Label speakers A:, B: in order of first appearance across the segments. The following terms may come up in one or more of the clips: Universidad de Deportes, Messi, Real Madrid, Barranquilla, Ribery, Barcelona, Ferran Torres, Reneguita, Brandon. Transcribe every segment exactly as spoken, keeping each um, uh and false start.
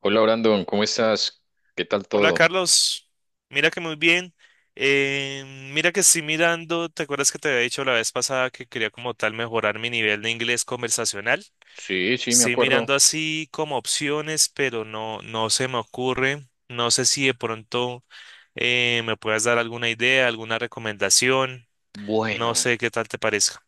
A: Hola Brandon, ¿cómo estás? ¿Qué tal
B: Hola
A: todo?
B: Carlos, mira que muy bien. Eh, mira que estoy mirando, ¿te acuerdas que te había dicho la vez pasada que quería como tal mejorar mi nivel de inglés conversacional?
A: Sí, sí, me
B: Estoy
A: acuerdo.
B: mirando así como opciones, pero no, no se me ocurre. No sé si de pronto eh, me puedas dar alguna idea, alguna recomendación. No
A: Bueno,
B: sé qué tal te parezca.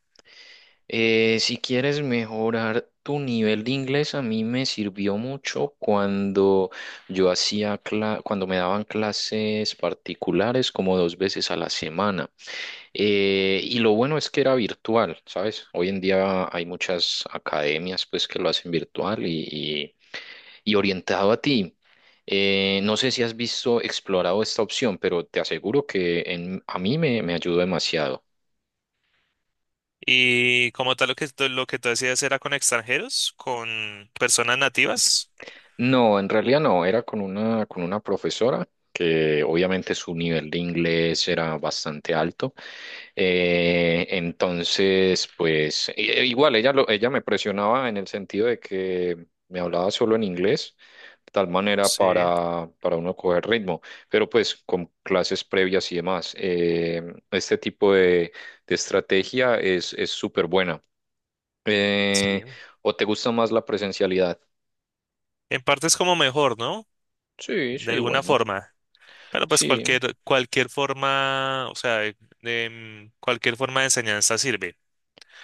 A: eh, si quieres mejorar tu nivel de inglés, a mí me sirvió mucho cuando yo hacía cla- cuando me daban clases particulares como dos veces a la semana. Eh, y lo bueno es que era virtual, ¿sabes? Hoy en día hay muchas academias pues que lo hacen virtual y, y orientado a ti. Eh, no sé si has visto, explorado esta opción, pero te aseguro que en- a mí me, me ayudó demasiado.
B: Y como tal lo que, tú- lo que tú decías era con extranjeros, con personas nativas.
A: No, en realidad no, era con una, con una profesora que obviamente su nivel de inglés era bastante alto. Eh, entonces, pues i- e- igual ella, lo, ella me presionaba en el sentido de que me hablaba solo en inglés, de tal manera
B: Sí,
A: para, para uno coger ritmo, pero pues con clases previas y demás. Eh, este tipo de, de estrategia es, es súper buena.
B: sí.
A: Eh, ¿O te gusta más la presencialidad?
B: En parte es como mejor, ¿no?,
A: Sí,
B: de
A: sí,
B: alguna
A: bueno,
B: forma. Pero pues
A: sí,
B: cualquier, cualquier forma, o sea, de- de, mm, cualquier forma de enseñanza sirve,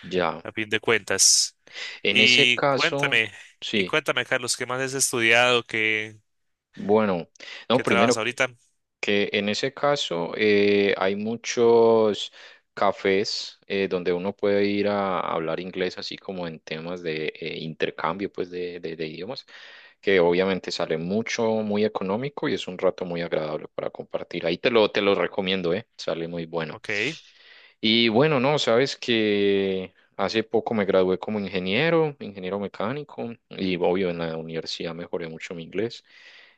A: ya.
B: a fin de cuentas.
A: En ese
B: Y
A: caso,
B: cuéntame, y
A: sí.
B: cuéntame, Carlos, ¿qué más has estudiado? ¿Qué,
A: Bueno, no,
B: qué trabajas
A: primero,
B: ahorita?
A: que en ese caso eh, hay muchos cafés eh, donde uno puede ir a hablar inglés, así como en temas de eh, intercambio pues de, de- de idiomas, que obviamente sale mucho, muy económico y es un rato muy agradable para compartir. Ahí te lo, te lo recomiendo, eh, sale muy bueno.
B: Ok,
A: Y bueno, no, sabes que hace poco me gradué como ingeniero, ingeniero mecánico, y obvio en la universidad mejoré mucho mi inglés.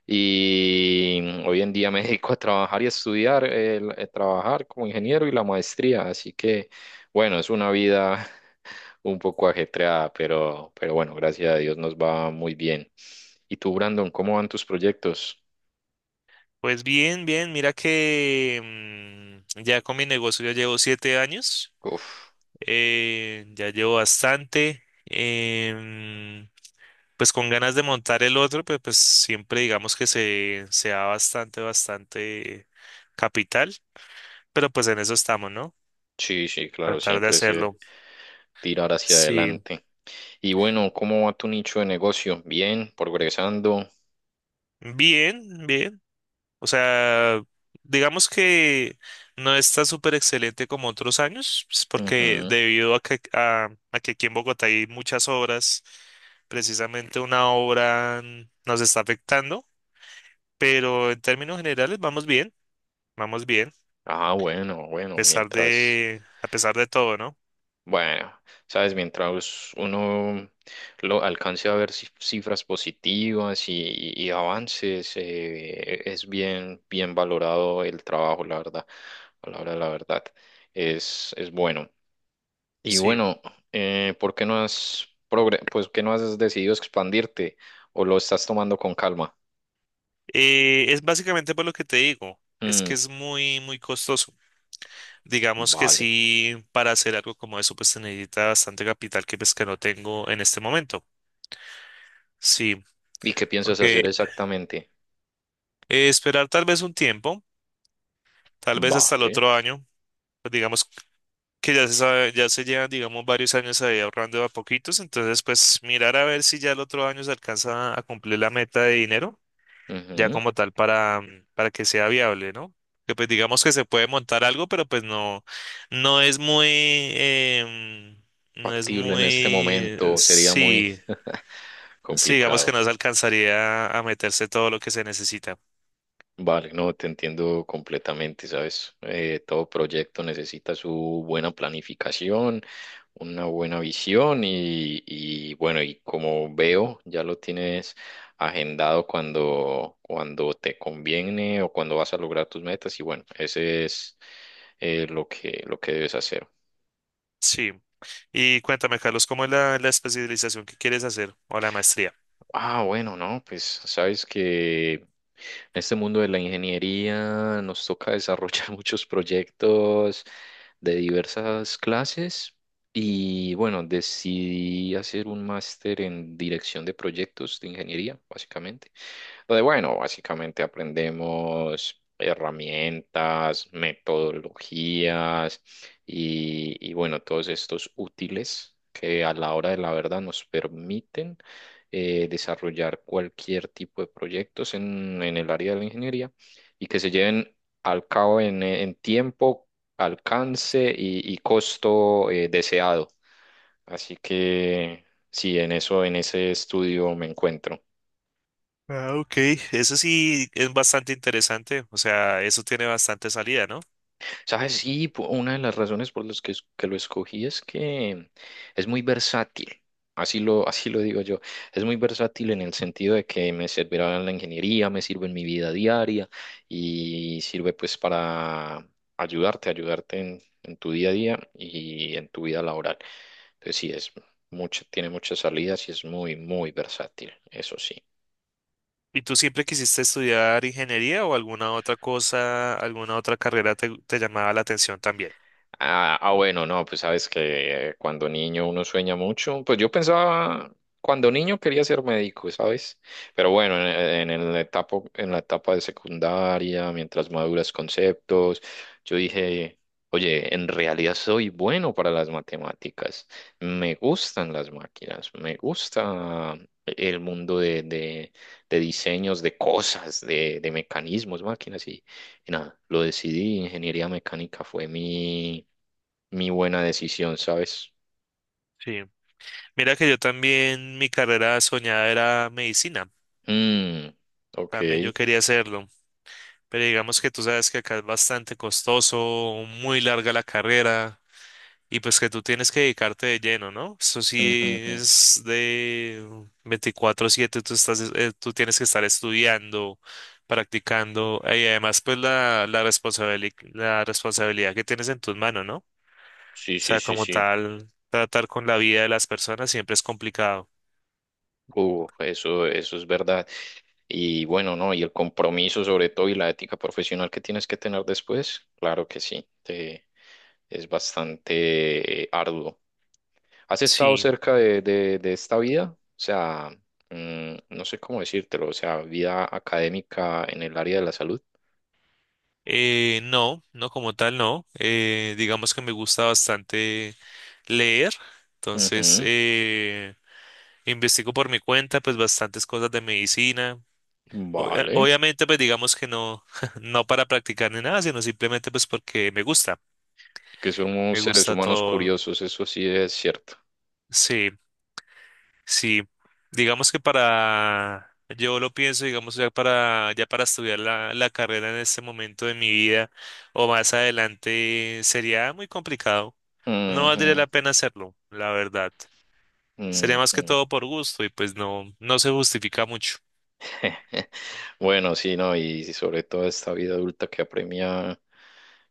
A: Y hoy en día me dedico a trabajar y a estudiar, el, a trabajar como ingeniero y la maestría. Así que, bueno, es una vida un poco ajetreada, pero, pero bueno, gracias a Dios nos va muy bien. ¿Y tú, Brandon, cómo van tus proyectos?
B: pues bien, bien, mira que mm, ya con mi negocio ya llevo siete años,
A: Uf,
B: eh, ya llevo bastante. em, pues con ganas de montar el otro, pues, pues siempre digamos que se, se da bastante, bastante capital, pero pues en eso estamos, ¿no?
A: sí, sí, claro,
B: Tratar de
A: siempre es el
B: hacerlo.
A: tirar hacia
B: Sí,
A: adelante. Y bueno, ¿cómo va tu nicho de negocio? Bien, progresando.
B: bien, bien. O sea, digamos que no está súper excelente como otros años, pues, porque
A: Ujú.
B: debido a que, a, a que aquí en Bogotá hay muchas obras, precisamente una obra mm, nos está afectando, pero en términos generales vamos bien, vamos bien.
A: Ah, bueno, bueno,
B: pesar
A: mientras,
B: de, a pesar de todo, ¿no?
A: bueno, sabes, mientras uno lo alcance a ver cif- cifras positivas y, y y avances, eh, es bien, bien valorado el trabajo, la verdad, a la hora de la verdad, es, es bueno. Y
B: Sí.
A: bueno, eh, ¿por qué no has progre- pues, qué no has decidido expandirte o lo estás tomando con calma?
B: Eh, es básicamente por lo que te digo, es
A: Mm,
B: que es muy, muy costoso. Digamos que
A: vale.
B: sí, para hacer algo como eso, pues se necesita bastante capital que pues que no tengo en este momento. Sí,
A: ¿Y qué piensas
B: porque
A: hacer exactamente?
B: eh, esperar tal vez un tiempo, tal vez hasta el
A: Vale,
B: otro año, pues digamos que ya se sabe, ya se llevan, digamos, varios años ahí ahorrando a poquitos, entonces pues mirar a ver si ya el otro año se alcanza a cumplir la meta de dinero ya
A: ujú.
B: como tal para, mm, para que sea viable, ¿no? Que pues digamos que se puede montar algo, pero pues no, no es muy, em, no es
A: Factible en este
B: muy,
A: momento sería muy
B: sí, sí, digamos que
A: complicado.
B: no se alcanzaría a meterse todo lo que se necesita.
A: Vale, no, te entiendo completamente, ¿sabes? Eh, todo proyecto necesita su buena planificación, una buena visión y, y bueno, y como veo, ya lo tienes agendado cuando, cuando te conviene o cuando vas a lograr tus metas y bueno, ese es eh, lo que, lo que debes hacer.
B: Sí. Y cuéntame, Carlos, ¿cómo es la, la especialización que quieres hacer o la maestría?
A: Ah, bueno, no, pues sabes que en este mundo de la ingeniería nos toca desarrollar muchos proyectos de diversas clases y bueno, decidí hacer un máster en dirección de proyectos de ingeniería, básicamente. Pues bueno, básicamente aprendemos herramientas, metodologías y, y bueno, todos estos útiles que a la hora de la verdad nos permiten eh, desarrollar cualquier tipo de proyectos en, en el área de la ingeniería y que se lleven al cabo en, en tiempo, alcance y, y costo eh, deseado. Así que sí, en eso, en ese estudio me encuentro.
B: Ah, ok. Eso sí es bastante interesante. O sea, eso tiene bastante salida, ¿no?
A: ¿Sabes? Sí, po- una de las razones por las que, es- que lo escogí es que es muy versátil. Así lo, así lo digo yo. Es muy versátil en el sentido de que me servirá en la ingeniería, me sirve en mi vida diaria y sirve pues para ayudarte, ayudarte en, en tu día a día y en tu vida laboral. Entonces sí, es mucho, tiene muchas salidas y es muy, muy versátil, eso sí.
B: ¿Y tú siempre quisiste estudiar ingeniería o alguna otra cosa, alguna otra carrera te, te llamaba la atención también?
A: Ah, ah, bueno, no, pues sabes que eh, cuando niño uno sueña mucho. Pues yo pensaba, cuando niño quería ser médico, ¿sabes? Pero bueno, en, eh, en el etapa, en la etapa de secundaria, mientras maduras conceptos, yo dije, oye, en realidad soy bueno para las matemáticas. Me gustan las máquinas, me gusta el mundo de, de, de diseños, de cosas, de, de mecanismos, máquinas y y nada, lo decidí. Ingeniería mecánica fue mi mi buena decisión, ¿sabes?
B: Sí. Mira que yo también, mi carrera soñada era medicina.
A: Mm, ok.
B: También yo quería hacerlo. Pero digamos que tú sabes que acá es bastante costoso, muy larga la carrera. Y pues que tú tienes que dedicarte de lleno, ¿no? Eso
A: Ujú,
B: sí
A: ujú.
B: es de veinticuatro siete tú estás, eh, tú tienes que estar estudiando, practicando, y además pues la, la responsabili- la responsabilidad que tienes en tus manos, ¿no? O
A: Sí, sí,
B: sea,
A: sí,
B: como
A: sí.
B: tal, tratar con la vida de las personas siempre es complicado.
A: Uh, eso, eso es verdad. Y bueno, ¿no? Y el compromiso sobre todo y la ética profesional que tienes que tener después, claro que sí, te- es bastante eh, arduo. ¿Has estado
B: Sí.
A: cerca de, de, de esta vida? O sea, mm, no sé cómo decírtelo, o sea, vida académica en el área de la salud.
B: Eh, no, no como tal, no. Eh, digamos que me gusta bastante leer, entonces
A: Ujú.
B: eh, investigo por mi cuenta pues bastantes cosas de medicina. Obvia-
A: Vale,
B: Obviamente, pues digamos que no, no para practicar ni nada, sino simplemente pues porque me gusta,
A: que somos
B: me
A: seres
B: gusta
A: humanos
B: todo.
A: curiosos, eso sí es cierto.
B: Sí, sí. Digamos que para, yo lo pienso, digamos ya para, ya para estudiar la, la carrera en este momento de mi vida o más adelante sería muy complicado. No valdría la
A: Ujú,
B: pena hacerlo, la verdad. Sería más que
A: ujú.
B: todo por gusto y pues no, no se justifica mucho.
A: Bueno, sí, no, y sobre todo esta vida adulta que apremia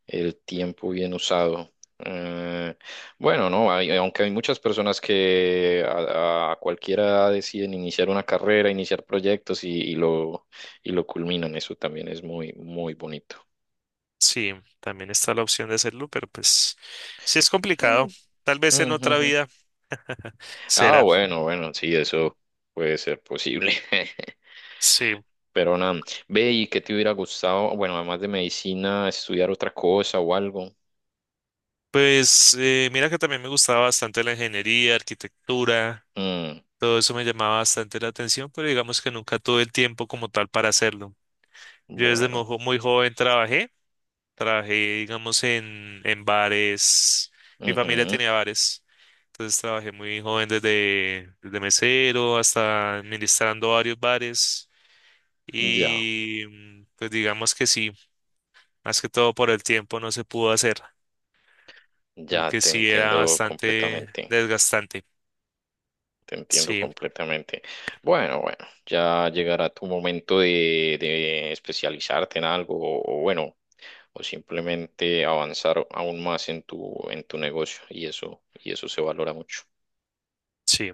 A: el tiempo bien usado. Eh, bueno, no, hay- aunque hay muchas personas que a, a cualquier edad deciden iniciar una carrera, iniciar proyectos y, y lo, y lo culminan, eso también es muy, muy bonito.
B: Sí, también está la opción de hacerlo, pero pues sí es complicado.
A: Sí.
B: Tal
A: Ujú,
B: vez en otra
A: ujú.
B: vida.
A: Ah,
B: Será,
A: bueno, bueno, sí, eso puede ser posible.
B: sí.
A: Pero nada, ve y qué te hubiera gustado, bueno, además de medicina, estudiar otra cosa o algo.
B: Pues eh, mira que también me gustaba bastante la ingeniería, arquitectura,
A: Mm,
B: todo eso me llamaba bastante la atención, pero digamos que nunca tuve el tiempo como tal para hacerlo. Yo desde muy,
A: bueno,
B: jo- muy joven trabajé, trabajé digamos en, en bares, mi familia
A: ujú,
B: tenía bares, entonces trabajé muy joven desde, desde mesero hasta administrando varios bares
A: ya,
B: y mm, pues digamos que sí, más que todo por el tiempo no se pudo hacer.
A: ya
B: Porque
A: te
B: sí era
A: entiendo
B: bastante
A: completamente,
B: desgastante.
A: te entiendo
B: Sí,
A: completamente. Bueno, bueno, ya llegará tu momento de, de especializarte en algo o, o bueno, o simplemente avanzar aún más en tu, en tu negocio y eso, y eso se valora mucho.
B: sí,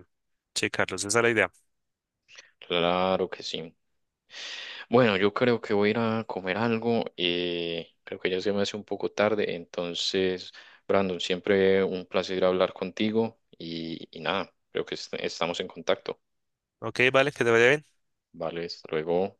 B: sí, Carlos, esa es la idea.
A: Claro que sí. Bueno, yo creo que voy a ir a comer algo. Eh, creo que ya se me hace un poco tarde. Entonces, Brandon, siempre un placer hablar contigo y, y nada, creo que est- estamos en contacto.
B: Ok, vale, que te vaya bien.
A: Vale, hasta luego.